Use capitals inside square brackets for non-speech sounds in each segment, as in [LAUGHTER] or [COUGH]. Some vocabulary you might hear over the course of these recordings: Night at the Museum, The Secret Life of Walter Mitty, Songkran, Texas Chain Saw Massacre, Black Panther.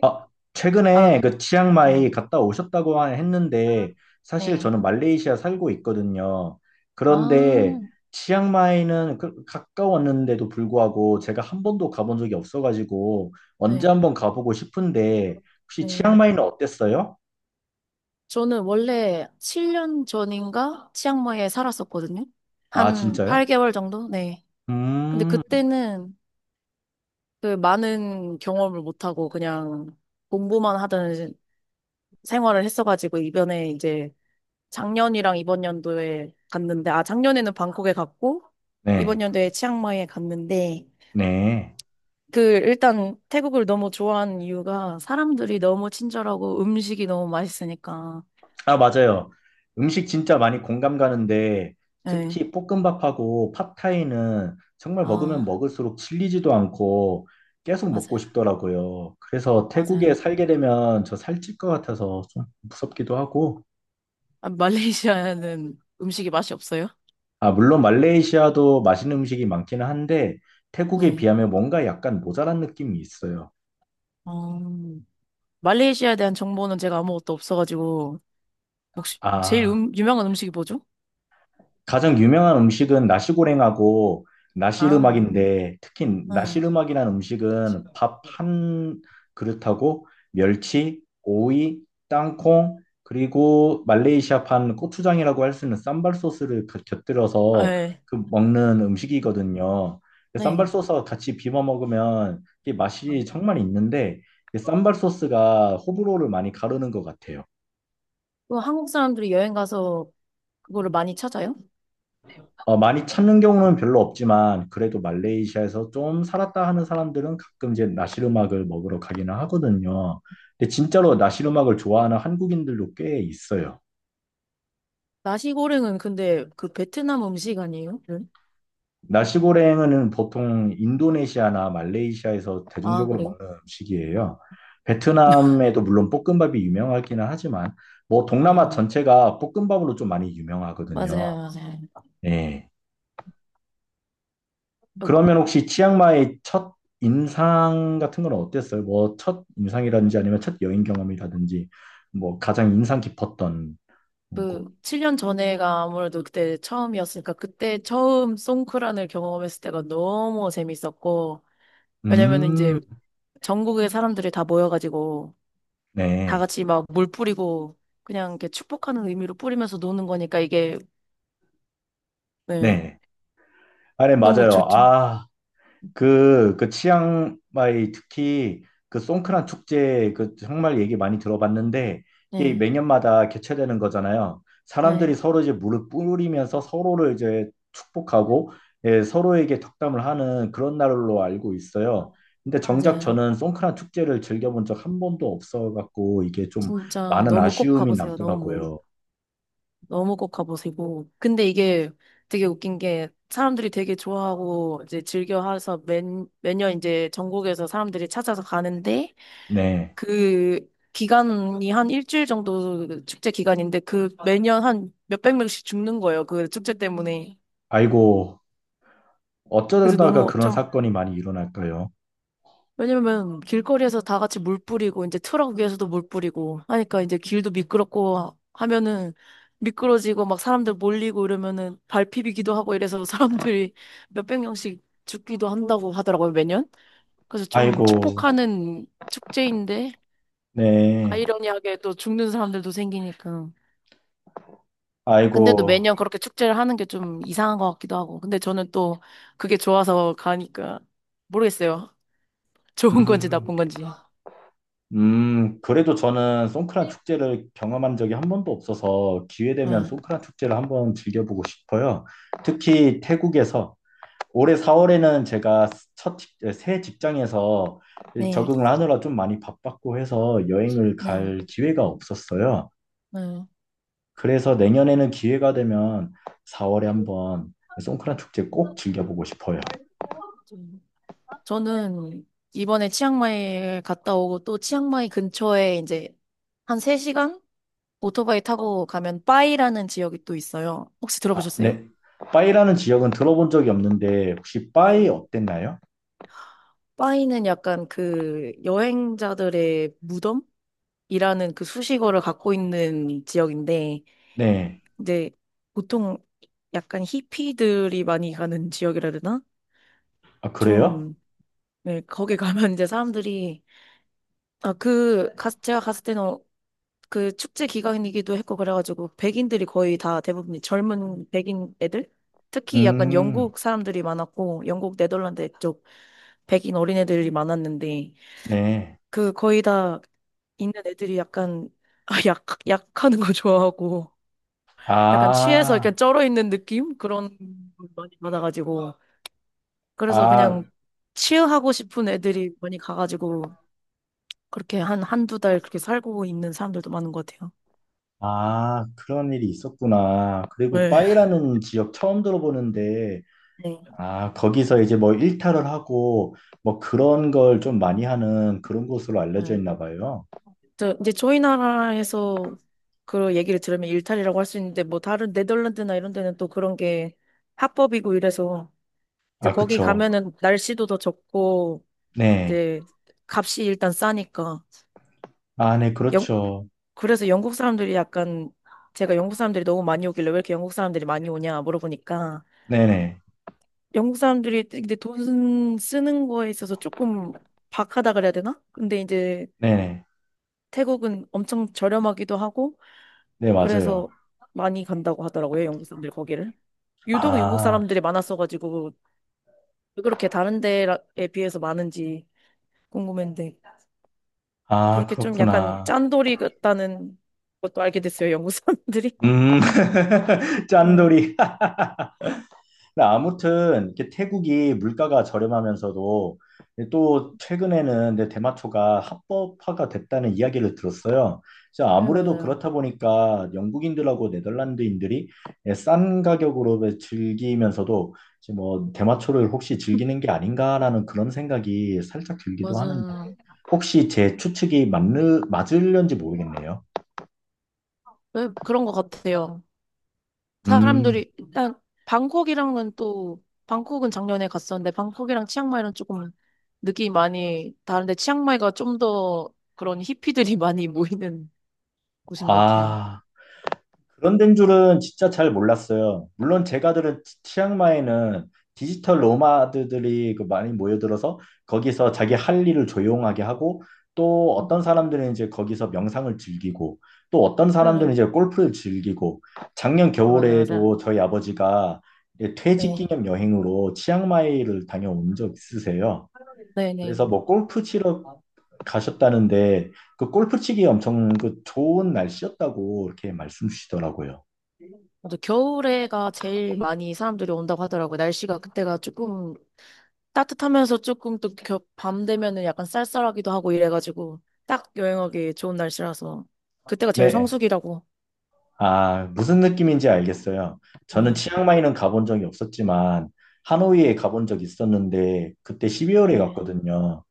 아, 아, 최근에 그 네. 치앙마이 갔다 오셨다고 했는데 사실 네. 저는 말레이시아 살고 있거든요. 그런데 아, 치앙마이는 가까웠는데도 불구하고 제가 한 번도 가본 적이 없어가지고 네. 언제 한번 가보고 싶은데 혹시 네. 치앙마이는 어땠어요? 저는 원래 7년 전인가 치앙마이에 살았었거든요. 아, 한 진짜요? 8개월 정도? 네. 근데 음, 그때는 그 많은 경험을 못하고 그냥 공부만 하던 생활을 했어가지고 이번에 이제 작년이랑 이번 연도에 갔는데, 아, 작년에는 방콕에 갔고, 네, 이번 연도에 치앙마이에 갔는데, 네. 그 일단 태국을 너무 좋아하는 이유가 사람들이 너무 친절하고 음식이 너무 맛있으니까. 아, 맞아요. 음식 진짜 많이 공감 가는데 네. 특히 볶음밥하고 팟타이는 정말 먹으면 아, 먹을수록 질리지도 않고 계속 먹고 맞아요. 싶더라고요. 그래서 태국에 맞아요. 살게 되면 저 살찔 것 같아서 좀 무섭기도 하고. 아, 말레이시아는 음식이 맛이 없어요? 아, 물론 말레이시아도 맛있는 음식이 많기는 한데 태국에 네. 비하면 뭔가 약간 모자란 느낌이 있어요. 어, 말레이시아에 대한 정보는 제가 아무것도 없어가지고 혹시 제일 아. 유명한 음식이 뭐죠? 가장 유명한 음식은 나시고랭하고 아, 나시르막인데 특히 네. 나시르막이라는 음식은 밥 한 그릇하고 멸치, 오이, 땅콩 그리고 말레이시아판 고추장이라고 할 수 있는 쌈발 소스를 아, 곁들여서 네. 그 먹는 음식이거든요. 그 쌈발 네. 소스와 같이 비벼 먹으면 이게 아, 맛이 정말 있는데 이 쌈발 소스가 호불호를 많이 가르는 것 같아요. 그 한국 사람들이 여행 가서 그거를 많이 찾아요? 어, 많이 찾는 경우는 별로 없지만 그래도 말레이시아에서 좀 살았다 하는 사람들은 가끔 이제 나시르막을 먹으러 가기는 하거든요. 근데 진짜로 나시르막을 좋아하는 한국인들도 꽤 있어요. 나시고랭은 근데 그 베트남 음식 아니에요? 네. 나시고랭은 보통 인도네시아나 말레이시아에서 아, 대중적으로 그래요? 먹는 음식이에요. 베트남에도 물론 볶음밥이 유명하기는 하지만 뭐 동남아 아. 전체가 볶음밥으로 좀 많이 맞아요, 유명하거든요. 맞아요. 예. 그리고 그러면 혹시 치앙마이 첫 인상 같은 건 어땠어요? 뭐 첫 인상이라든지 아니면 첫 여행 경험이라든지 뭐 가장 인상 깊었던 그 곳. 7년 전에가 아무래도 그때 처음이었으니까 그때 처음 송크란을 경험했을 때가 너무 재밌었고 왜냐면은 음, 이제 전국의 사람들이 다 모여가지고 다 네, 같이 막 물 뿌리고 그냥 이렇게 축복하는 의미로 뿌리면서 노는 거니까 이게, 네, 네. 아, 네, 너무 맞아요. 좋죠. 아, 그 치앙마이 특히 그 송크란 축제 그 정말 얘기 많이 들어봤는데 이게 네, 매년마다 개최되는 거잖아요. 사람들이 네, 서로 이제 물을 뿌리면서 서로를 이제 축복하고 예, 서로에게 덕담을 하는 그런 날로 알고 있어요. 근데 정작 맞아요. 저는 송크란 축제를 즐겨본 적 한 번도 없어 갖고 이게 좀 진짜 많은 너무 꼭 아쉬움이 가보세요. 너무. 남더라고요. 너무 꼭 가보시고. 근데 이게 되게 웃긴 게 사람들이 되게 좋아하고 이제 즐겨 해서 매년 이제 전국에서 사람들이 찾아서 가는데 네. 그 기간이 한 일주일 정도 축제 기간인데 그 매년 한 몇백 명씩 죽는 거예요. 그 축제 때문에. 아이고, 그래서 어쩌다가 너무 그런 좀. 사건이 많이 일어날까요? 왜냐면 길거리에서 다 같이 물 뿌리고 이제 트럭 위에서도 물 뿌리고 하니까 이제 길도 미끄럽고 하면은 미끄러지고 막 사람들 몰리고 이러면은 발 피비기도 하고 이래서 [LAUGHS] 사람들이 몇백 명씩 죽기도 한다고 하더라고요, 매년. 그래서 좀 아이고, 축복하는 축제인데 네. 아이러니하게 또 죽는 사람들도 생기니까. 근데도 아이고, 매년 그렇게 축제를 하는 게 좀 이상한 것 같기도 하고. 근데 저는 또 그게 좋아서 가니까 모르겠어요. [LAUGHS] 좋은 건지 나쁜 음, 건지. 그래도 저는 송크란 축제를 경험한 적이 한 번도 없어서 기회되면 응. 송크란 축제를 한번 즐겨보고 싶어요. 특히 태국에서 올해 4월에는 제가 새 직장에서 네. 적응을 하느라 좀 많이 바빴고 해서 여행을 네. 갈 기회가 없었어요. 네. 그래서 내년에는 기회가 되면 4월에 한번 송크란 축제 꼭 즐겨보고 싶어요. 좀. 저는 이번에 치앙마이에 갔다 오고 또 치앙마이 근처에 이제 한 3시간 오토바이 타고 가면 빠이라는 지역이 또 있어요. 혹시 아, 들어보셨어요? 네. 빠이라는 지역은 들어본 적이 없는데 혹시 빠이 네. 어땠나요? 빠이는 약간 그 여행자들의 무덤이라는 그 수식어를 갖고 있는 지역인데 네. 이제 보통 약간 히피들이 많이 가는 지역이라 해야 되나? 아, 그래요? 좀. 네, 거기 가면 이제 사람들이 아, 제가 갔을 때는 그 축제 기간이기도 했고 그래가지고 백인들이 거의 다 대부분 젊은 백인 애들 특히 약간 음, 영국 사람들이 많았고 영국 네덜란드 쪽 백인 어린애들이 많았는데 네. 그 거의 다 있는 애들이 약간 아, 약 약하는 거 좋아하고 약간 취해서 아, 약간 쩔어 있는 느낌 그런 걸 많이 받아가지고 그래서 아, 그냥 치유하고 싶은 애들이 많이 가가지고 그렇게 한 한두 달 그렇게 살고 있는 사람들도 많은 것 같아요. 그런 일이 있었구나. 그리고 네. 빠이라는 지역 처음 들어보는데, 네. 아, 거기서 이제 뭐 일탈을 하고, 뭐 그런 걸 좀 많이 하는 그런 곳으로 알려져 네. 있나 봐요. 저 이제 저희 나라에서 그 얘기를 들으면 일탈이라고 할 수 있는데 뭐 다른 네덜란드나 이런 데는 또 그런 게 합법이고 이래서 이제 아, 거기 그쵸. 가면은 날씨도 더 좋고 네. 이제 값이 일단 싸니까 아, 네, 영 그렇죠. 그래서 영국 사람들이 약간 제가 영국 사람들이 너무 많이 오길래 왜 이렇게 영국 사람들이 많이 오냐 물어보니까 네네. 영국 사람들이 근데 돈 쓰는 거에 있어서 조금 박하다 그래야 되나? 근데 이제 네네. 네, 네. 태국은 엄청 저렴하기도 하고 네, 맞아요. 그래서 많이 간다고 하더라고요, 영국 사람들이 거기를. 유독 영국 아, 사람들이 많았어가지고, 왜 그렇게 다른 데에 비해서 많은지 궁금했는데, 아, 그렇게 좀 약간 그렇구나. 짠돌이 같다는 것도 알게 됐어요, 영국 사람들이. 음, [LAUGHS] 네, 짠돌이. 근데 아무튼 이렇게 태국이 물가가 저렴하면서도 또 최근에는 내 대마초가 합법화가 됐다는 이야기를 들었어요. 그래서 네, 아무래도 맞아요. 그렇다 보니까 영국인들하고 네덜란드인들이 예, 싼 가격으로 즐기면서도 이제 뭐 대마초를 혹시 즐기는 게 아닌가라는 그런 생각이 살짝 들기도 하는데 맞아요. 혹시 제 추측이 맞는 맞을런지 모르겠네요. 네, 그런 것 같아요. 음, 사람들이, 일단, 방콕이랑은 또, 방콕은 작년에 갔었는데, 방콕이랑 치앙마이랑 조금 느낌이 많이 다른데, 치앙마이가 좀 더 그런 히피들이 [LAUGHS] 많이 모이는 곳인 것 같아요. 아. 그런 데인 줄은 진짜 잘 몰랐어요. 물론 제가 들은 치앙마이는 디지털 노마드들이 그 많이 모여들어서 거기서 자기 할 일을 조용하게 하고 또 어떤 사람들은 이제 거기서 명상을 즐기고 또 어떤 사람들은 응. 이제 골프를 즐기고 작년 아, 맞아, 맞아. 겨울에도 저희 아버지가 이제 퇴직 네. 기념 여행으로 치앙마이를 다녀온 적 있으세요. 그래서 네네. 뭐 골프 치러 가셨다는데 그 골프 치기 엄청 그 좋은 날씨였다고 이렇게 말씀 주시더라고요. 맞아. 겨울에가 제일 많이 사람들이 온다고 하더라고요. 날씨가 그때가 조금 따뜻하면서 조금 또 밤 되면은 약간 쌀쌀하기도 하고 이래가지고 딱 여행하기 좋은 날씨라서 그때가 제일 네. 성수기라고. 아, 무슨 느낌인지 알겠어요. 저는 응. 치앙마이는 가본 적이 없었지만 하노이에 네. 가본 적이 있었는데 그때 12월에 네. 갔거든요.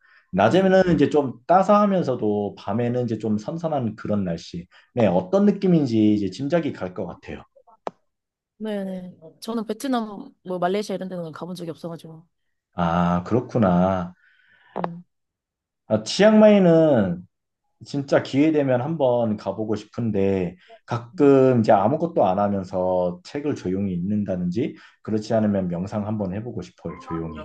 네. 낮에는 이제 좀 따사하면서도 밤에는 이제 좀 선선한 그런 날씨. 네, 어떤 느낌인지 이제 짐작이 갈 것 같아요. 네. 네. 저는 베트남, 뭐 말레이시아 이런 데는 가본 적이 없어가지고. 아, 그렇구나. 음. 아, 치앙마이는 진짜 기회 되면 한번 가보고 싶은데 음. 가끔 이제 아무것도 안 하면서 책을 조용히 읽는다든지 그렇지 않으면 명상 한번 해보고 싶어요, 조용히.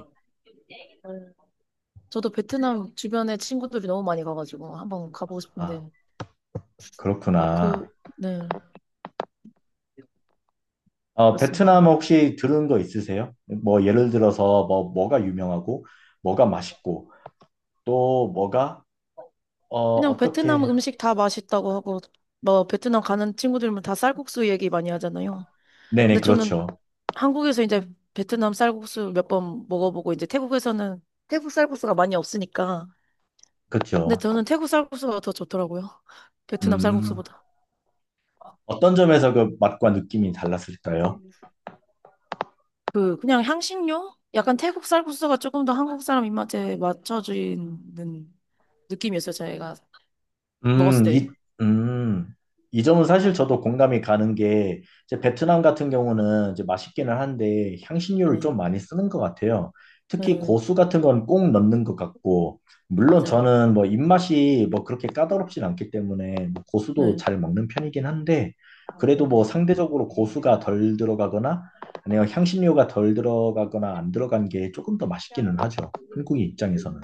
저도 베트남 주변에 친구들이 너무 많이 가가지고 한번 가보고 아, 싶은데 그렇구나. 그, 네. 어, 그렇습니다. 베트남 혹시 들은 거 있으세요? 뭐 예를 들어서 뭐 뭐가 유명하고 뭐가 맛있고 또 뭐가 어 그냥 베트남 어떻게 음식 다 맛있다고 하고, 뭐, 베트남 가는 친구들은 다 쌀국수 얘기 많이 하잖아요. 네네 근데 저는 그렇죠. 한국에서 이제 베트남 쌀국수 몇 번 먹어보고, 이제 태국에서는 태국 쌀국수가 많이 없으니까. 그렇죠. 근데 저는 태국 쌀국수가 더 좋더라고요. [LAUGHS] 베트남 음. 쌀국수보다. 어떤 점에서 그 맛과 느낌이 달랐을까요? 그냥 향신료? 약간 태국 쌀국수가 조금 더 한국 사람 입맛에 맞춰지는 느낌이었어요, 제가 먹었을 음, 이, 때. 음, 이 점은 사실 저도 공감이 가는 게, 이제 베트남 같은 경우는 이제 맛있기는 한데, 향신료를 네. 좀 많이 쓰는 것 같아요. 특히 네, 고수 같은 건 꼭 넣는 것 같고, 물론 맞아요, 맞아요. 저는 뭐 입맛이 뭐 그렇게 까다롭진 않기 때문에, 뭐 고수도 네. 잘 먹는 편이긴 한데, 그래도 뭐 네. 상대적으로 고수가 덜 들어가거나, 아니면 향신료가 덜 들어가거나 안 들어간 게 조금 더 맛있기는 하죠. 한국인 입장에서는.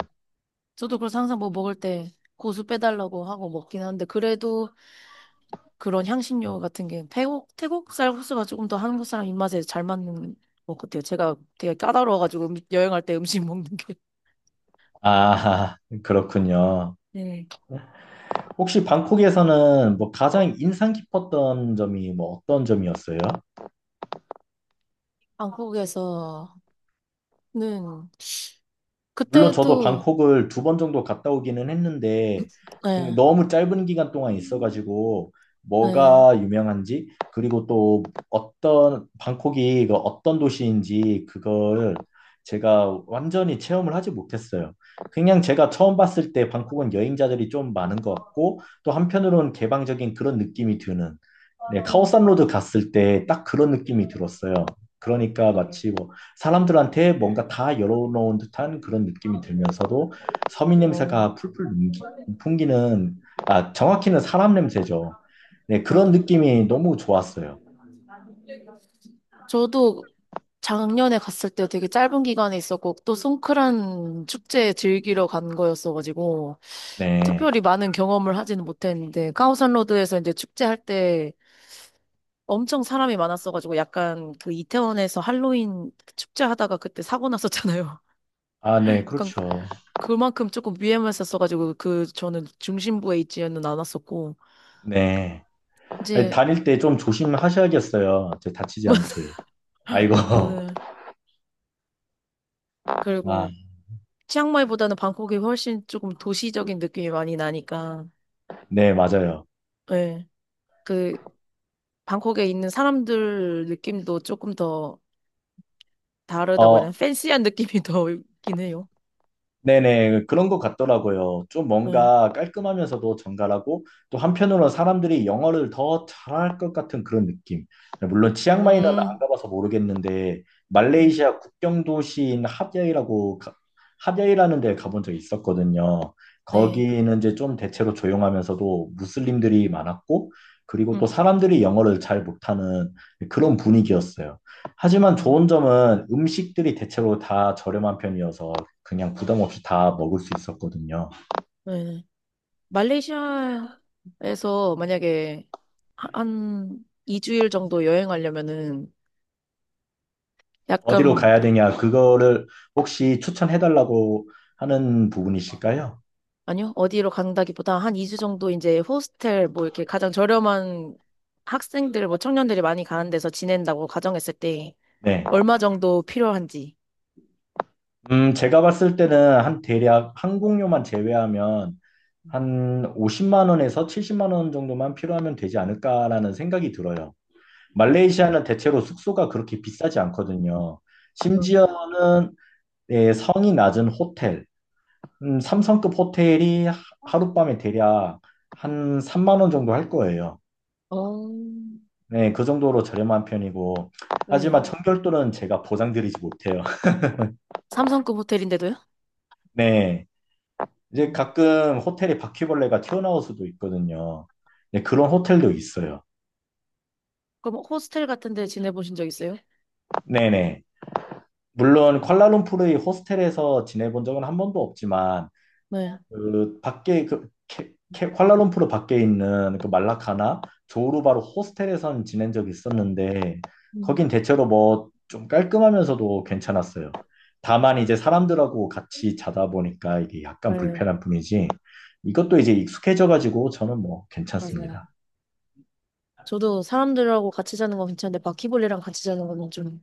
저도 그래서 항상 뭐 먹을 때 고수 빼달라고 하고 먹긴 하는데 그래도 그런 향신료 같은 게 태국 쌀 국수가 조금 더 한국 사람 입맛에 잘 맞는 것 같아요. 제가 되게 까다로워가지고 여행할 때 음식 [LAUGHS] 먹는 게. 아, 그렇군요. 네. 혹시 방콕에서는 뭐 가장 인상 깊었던 점이 뭐 어떤 점이었어요? 한국에서는 물론 저도 그때도 방콕을 두 번 정도 갔다 오기는 했는데 그냥 네, 너무 짧은 기간 동안 있어가지고 네, 뭐가 유명한지 그리고 또 어떤 방콕이 그 어떤 도시인지 그걸 제가 완전히 체험을 하지 못했어요. 그냥 제가 처음 봤을 때 방콕은 여행자들이 좀 많은 것 같고 또 한편으로는 개방적인 그런 느낌이 드는 네, 카오산 로드 갔을 때 딱 그런 느낌이 들었어요. 그러니까 어, 마치 뭐 사람들한테 뭔가 다 열어놓은 듯한 그런 느낌이 들면서도 서민 어. 냄새가 풀풀 풍기는, 아, 정확히는 사람 냄새죠. 네, 그런 어. 느낌이 너무 좋았어요. 저도 작년에 갔을 때 되게 짧은 기간에 있었고 또 송크란 축제 즐기러 간 거였어가지고 네. 특별히 많은 경험을 하지는 못했는데 카오산로드에서 이제 축제할 때 엄청 사람이 많았어가지고 약간 그 이태원에서 할로윈 축제하다가 그때 사고 났었잖아요. 아, 네, [LAUGHS] 약간 그렇죠. 그만큼 조금 위험했었어가지고 그 저는 중심부에 있지는 않았었고 네. 아니, 이제 다닐 때 좀 조심하셔야겠어요. 이제 다치지 [LAUGHS] 않게. 아이고. 저는 [LAUGHS] 아, 그리고 치앙마이보다는 방콕이 훨씬 조금 도시적인 느낌이 많이 나니까 네, 맞아요. 예. 그 방콕에 있는 사람들 느낌도 조금 더 다르다고 해야 되나? 어, 팬시한 느낌이 더 있긴 해요. 네네, 그런 것 같더라고요. 좀 예. 뭔가 깔끔하면서도 정갈하고, 또 한편으로는 사람들이 영어를 더 잘할 것 같은 그런 느낌. 물론 치앙마이는 안 음, 가봐서 모르겠는데, 네. 말레이시아 국경 도시인 핫야이라고, 핫야이라는 데 가본 적이 있었거든요. 네. 거기는 이제 좀 대체로 조용하면서도 무슬림들이 많았고, 그리고 또 음. 사람들이 영어를 잘 못하는 그런 분위기였어요. 하지만 좋은 어, 점은 음식들이 대체로 다 저렴한 편이어서 그냥 부담 없이 다 먹을 수 있었거든요. 네. 말레이시아에서 만약에 한 2주일 정도 여행하려면은 어디로 약간, 가야 되냐, 그거를 혹시 추천해달라고 하는 부분이실까요? 아니요, 어디로 간다기보다 한 2주 정도 이제 호스텔 뭐 이렇게 가장 저렴한 학생들, 뭐 청년들이 많이 가는 데서 지낸다고 가정했을 때 네. 얼마 정도 필요한지. 제가 봤을 때는 한 대략 항공료만 제외하면 한 50만 원에서 70만 원 정도만 필요하면 되지 않을까라는 생각이 들어요. 말레이시아는 대체로 숙소가 그렇게 비싸지 않거든요. 음. 심지어는 네, 성이 낮은 호텔, 삼성급 호텔이 하룻밤에 대략 한 3만 원 정도 할 거예요. 어, 네, 그 정도로 저렴한 편이고, 하지만 어, 네. 청결도는 제가 보장드리지 못해요. [LAUGHS] 삼성급 호텔인데도요? 네, 이제 음. 가끔 호텔에 바퀴벌레가 튀어나올 수도 있거든요. 네, 그런 호텔도 있어요. 그럼 호스텔 같은 데 지내보신 적 있어요? 네네. 물론 쿠알라룸푸르의 호스텔에서 지내본 적은 한 번도 없지만, 네. 그 밖에 쿠알라룸푸르 밖에 있는 그 말라카나 조우르바로 호스텔에선 지낸 적이 있었는데 음. 거긴 대체로 뭐 좀 깔끔하면서도 괜찮았어요. 다만 이제 사람들하고 같이 자다 보니까 이게 약간 네. 불편한 뿐이지 이것도 이제 익숙해져 가지고 저는 뭐 맞아요. 괜찮습니다. 저도 사람들하고 같이 자는 건 괜찮은데 바퀴벌레랑 같이 자는 건 좀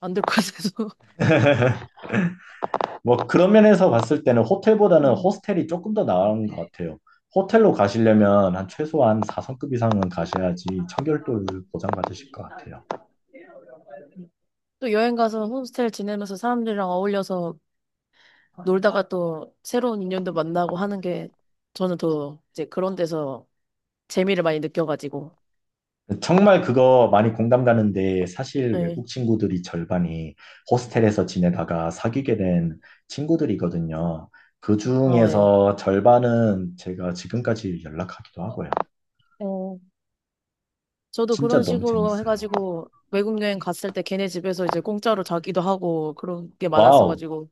안 될 것 같아서. [LAUGHS] [LAUGHS] 뭐 그런 면에서 봤을 때는 호텔보다는 음. 호스텔이 조금 더 나은 것 같아요. 호텔로 가시려면 한 최소한 4성급 이상은 가셔야지 청결도를 보장받으실 것 같아요. 또 여행 가서 홈스테이 지내면서 사람들이랑 어울려서 놀다가 또 새로운 인연도 만나고 하는 게 저는 더 이제 그런 데서 재미를 많이 느껴가지고. 정말 그거 많이 공감 가는데 사실 네. 외국 친구들이 절반이 호스텔에서 지내다가 사귀게 된 친구들이거든요. 그 어, 예. 중에서 절반은 제가 지금까지 연락하기도 하고요. 어. 저도 그런 진짜 너무 식으로 재밌어요. 해가지고 외국 여행 갔을 때 걔네 집에서 이제 공짜로 자기도 하고 그런 게 와우, 많았어가지고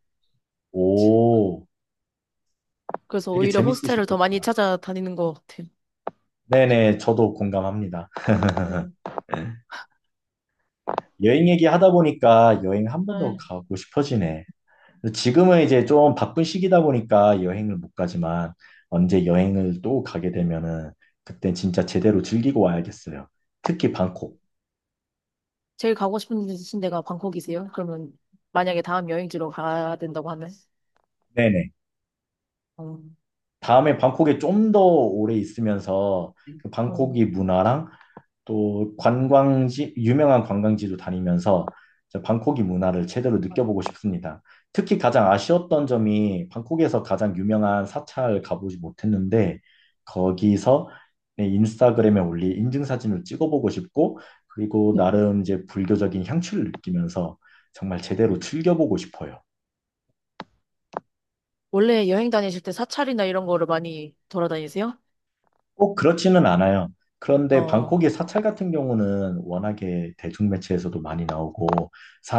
오, 그래서 되게 오히려 호스텔을 더 많이 재밌으셨겠다. 찾아다니는 것 같아요. 네네, 저도 공감합니다. 음. 여행 얘기하다 보니까 여행 한 번 더 네. 가고 싶어지네. 근데 지금은 이제 좀 바쁜 시기다 보니까 여행을 못 가지만 언제 여행을 또 가게 되면은 그때 진짜 제대로 즐기고 와야겠어요. 특히 방콕. 제일 가고 싶으신 데가 방콕이세요? 그러면 만약에 다음 여행지로 가야 된다고 하면? 네네. 어, 다음에 방콕에 좀 더 오래 있으면서 그 어. 방콕이 문화랑 또 관광지, 유명한 관광지도 다니면서 저 방콕이 문화를 제대로 느껴보고 싶습니다. 특히 가장 아쉬웠던 점이 방콕에서 가장 유명한 사찰 가보지 못했는데 거기서 내 인스타그램에 올린 인증사진을 찍어보고 싶고 그리고 나름 이제 불교적인 향취를 느끼면서 정말 제대로 음. 즐겨보고 싶어요. 원래 여행 다니실 때 사찰이나 이런 거를 많이 돌아다니세요? 꼭 그렇지는 않아요. 그런데 어, 방콕의 사찰 같은 경우는 워낙에 대중매체에서도 많이 나오고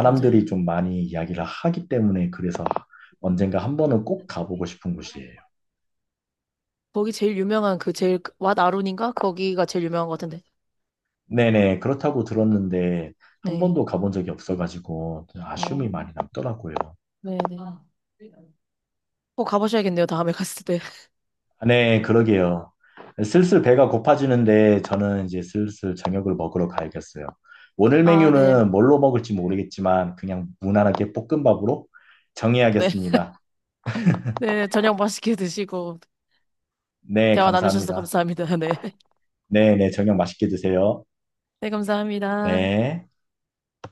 맞아요. 좀 많이 이야기를 하기 때문에 그래서 언젠가 한 번은 꼭 가보고 싶은 곳이에요. 거기 제일 유명한 그 제일 왓 아룬인가? 거기가 제일 유명한 것 같은데. 네네, 그렇다고 들었는데 한 네. 번도 가본 적이 없어가지고 어, 아쉬움이 많이 남더라고요. 네네. 꼭 가보셔야겠네요, 다음에 갔을 때. [LAUGHS] 네, 그러게요. 슬슬 배가 고파지는데 저는 이제 슬슬 저녁을 먹으러 가야겠어요. 오늘 아, 메뉴는 네. 뭘로 먹을지 모르겠지만 그냥 무난하게 볶음밥으로 네. 정해야겠습니다. [LAUGHS] 네, 저녁 맛있게 드시고, 네, 대화 나누셔서 감사합니다. 감사합니다. [LAUGHS] 네. 네, 네, 저녁 맛있게 드세요. 네, 감사합니다. 네.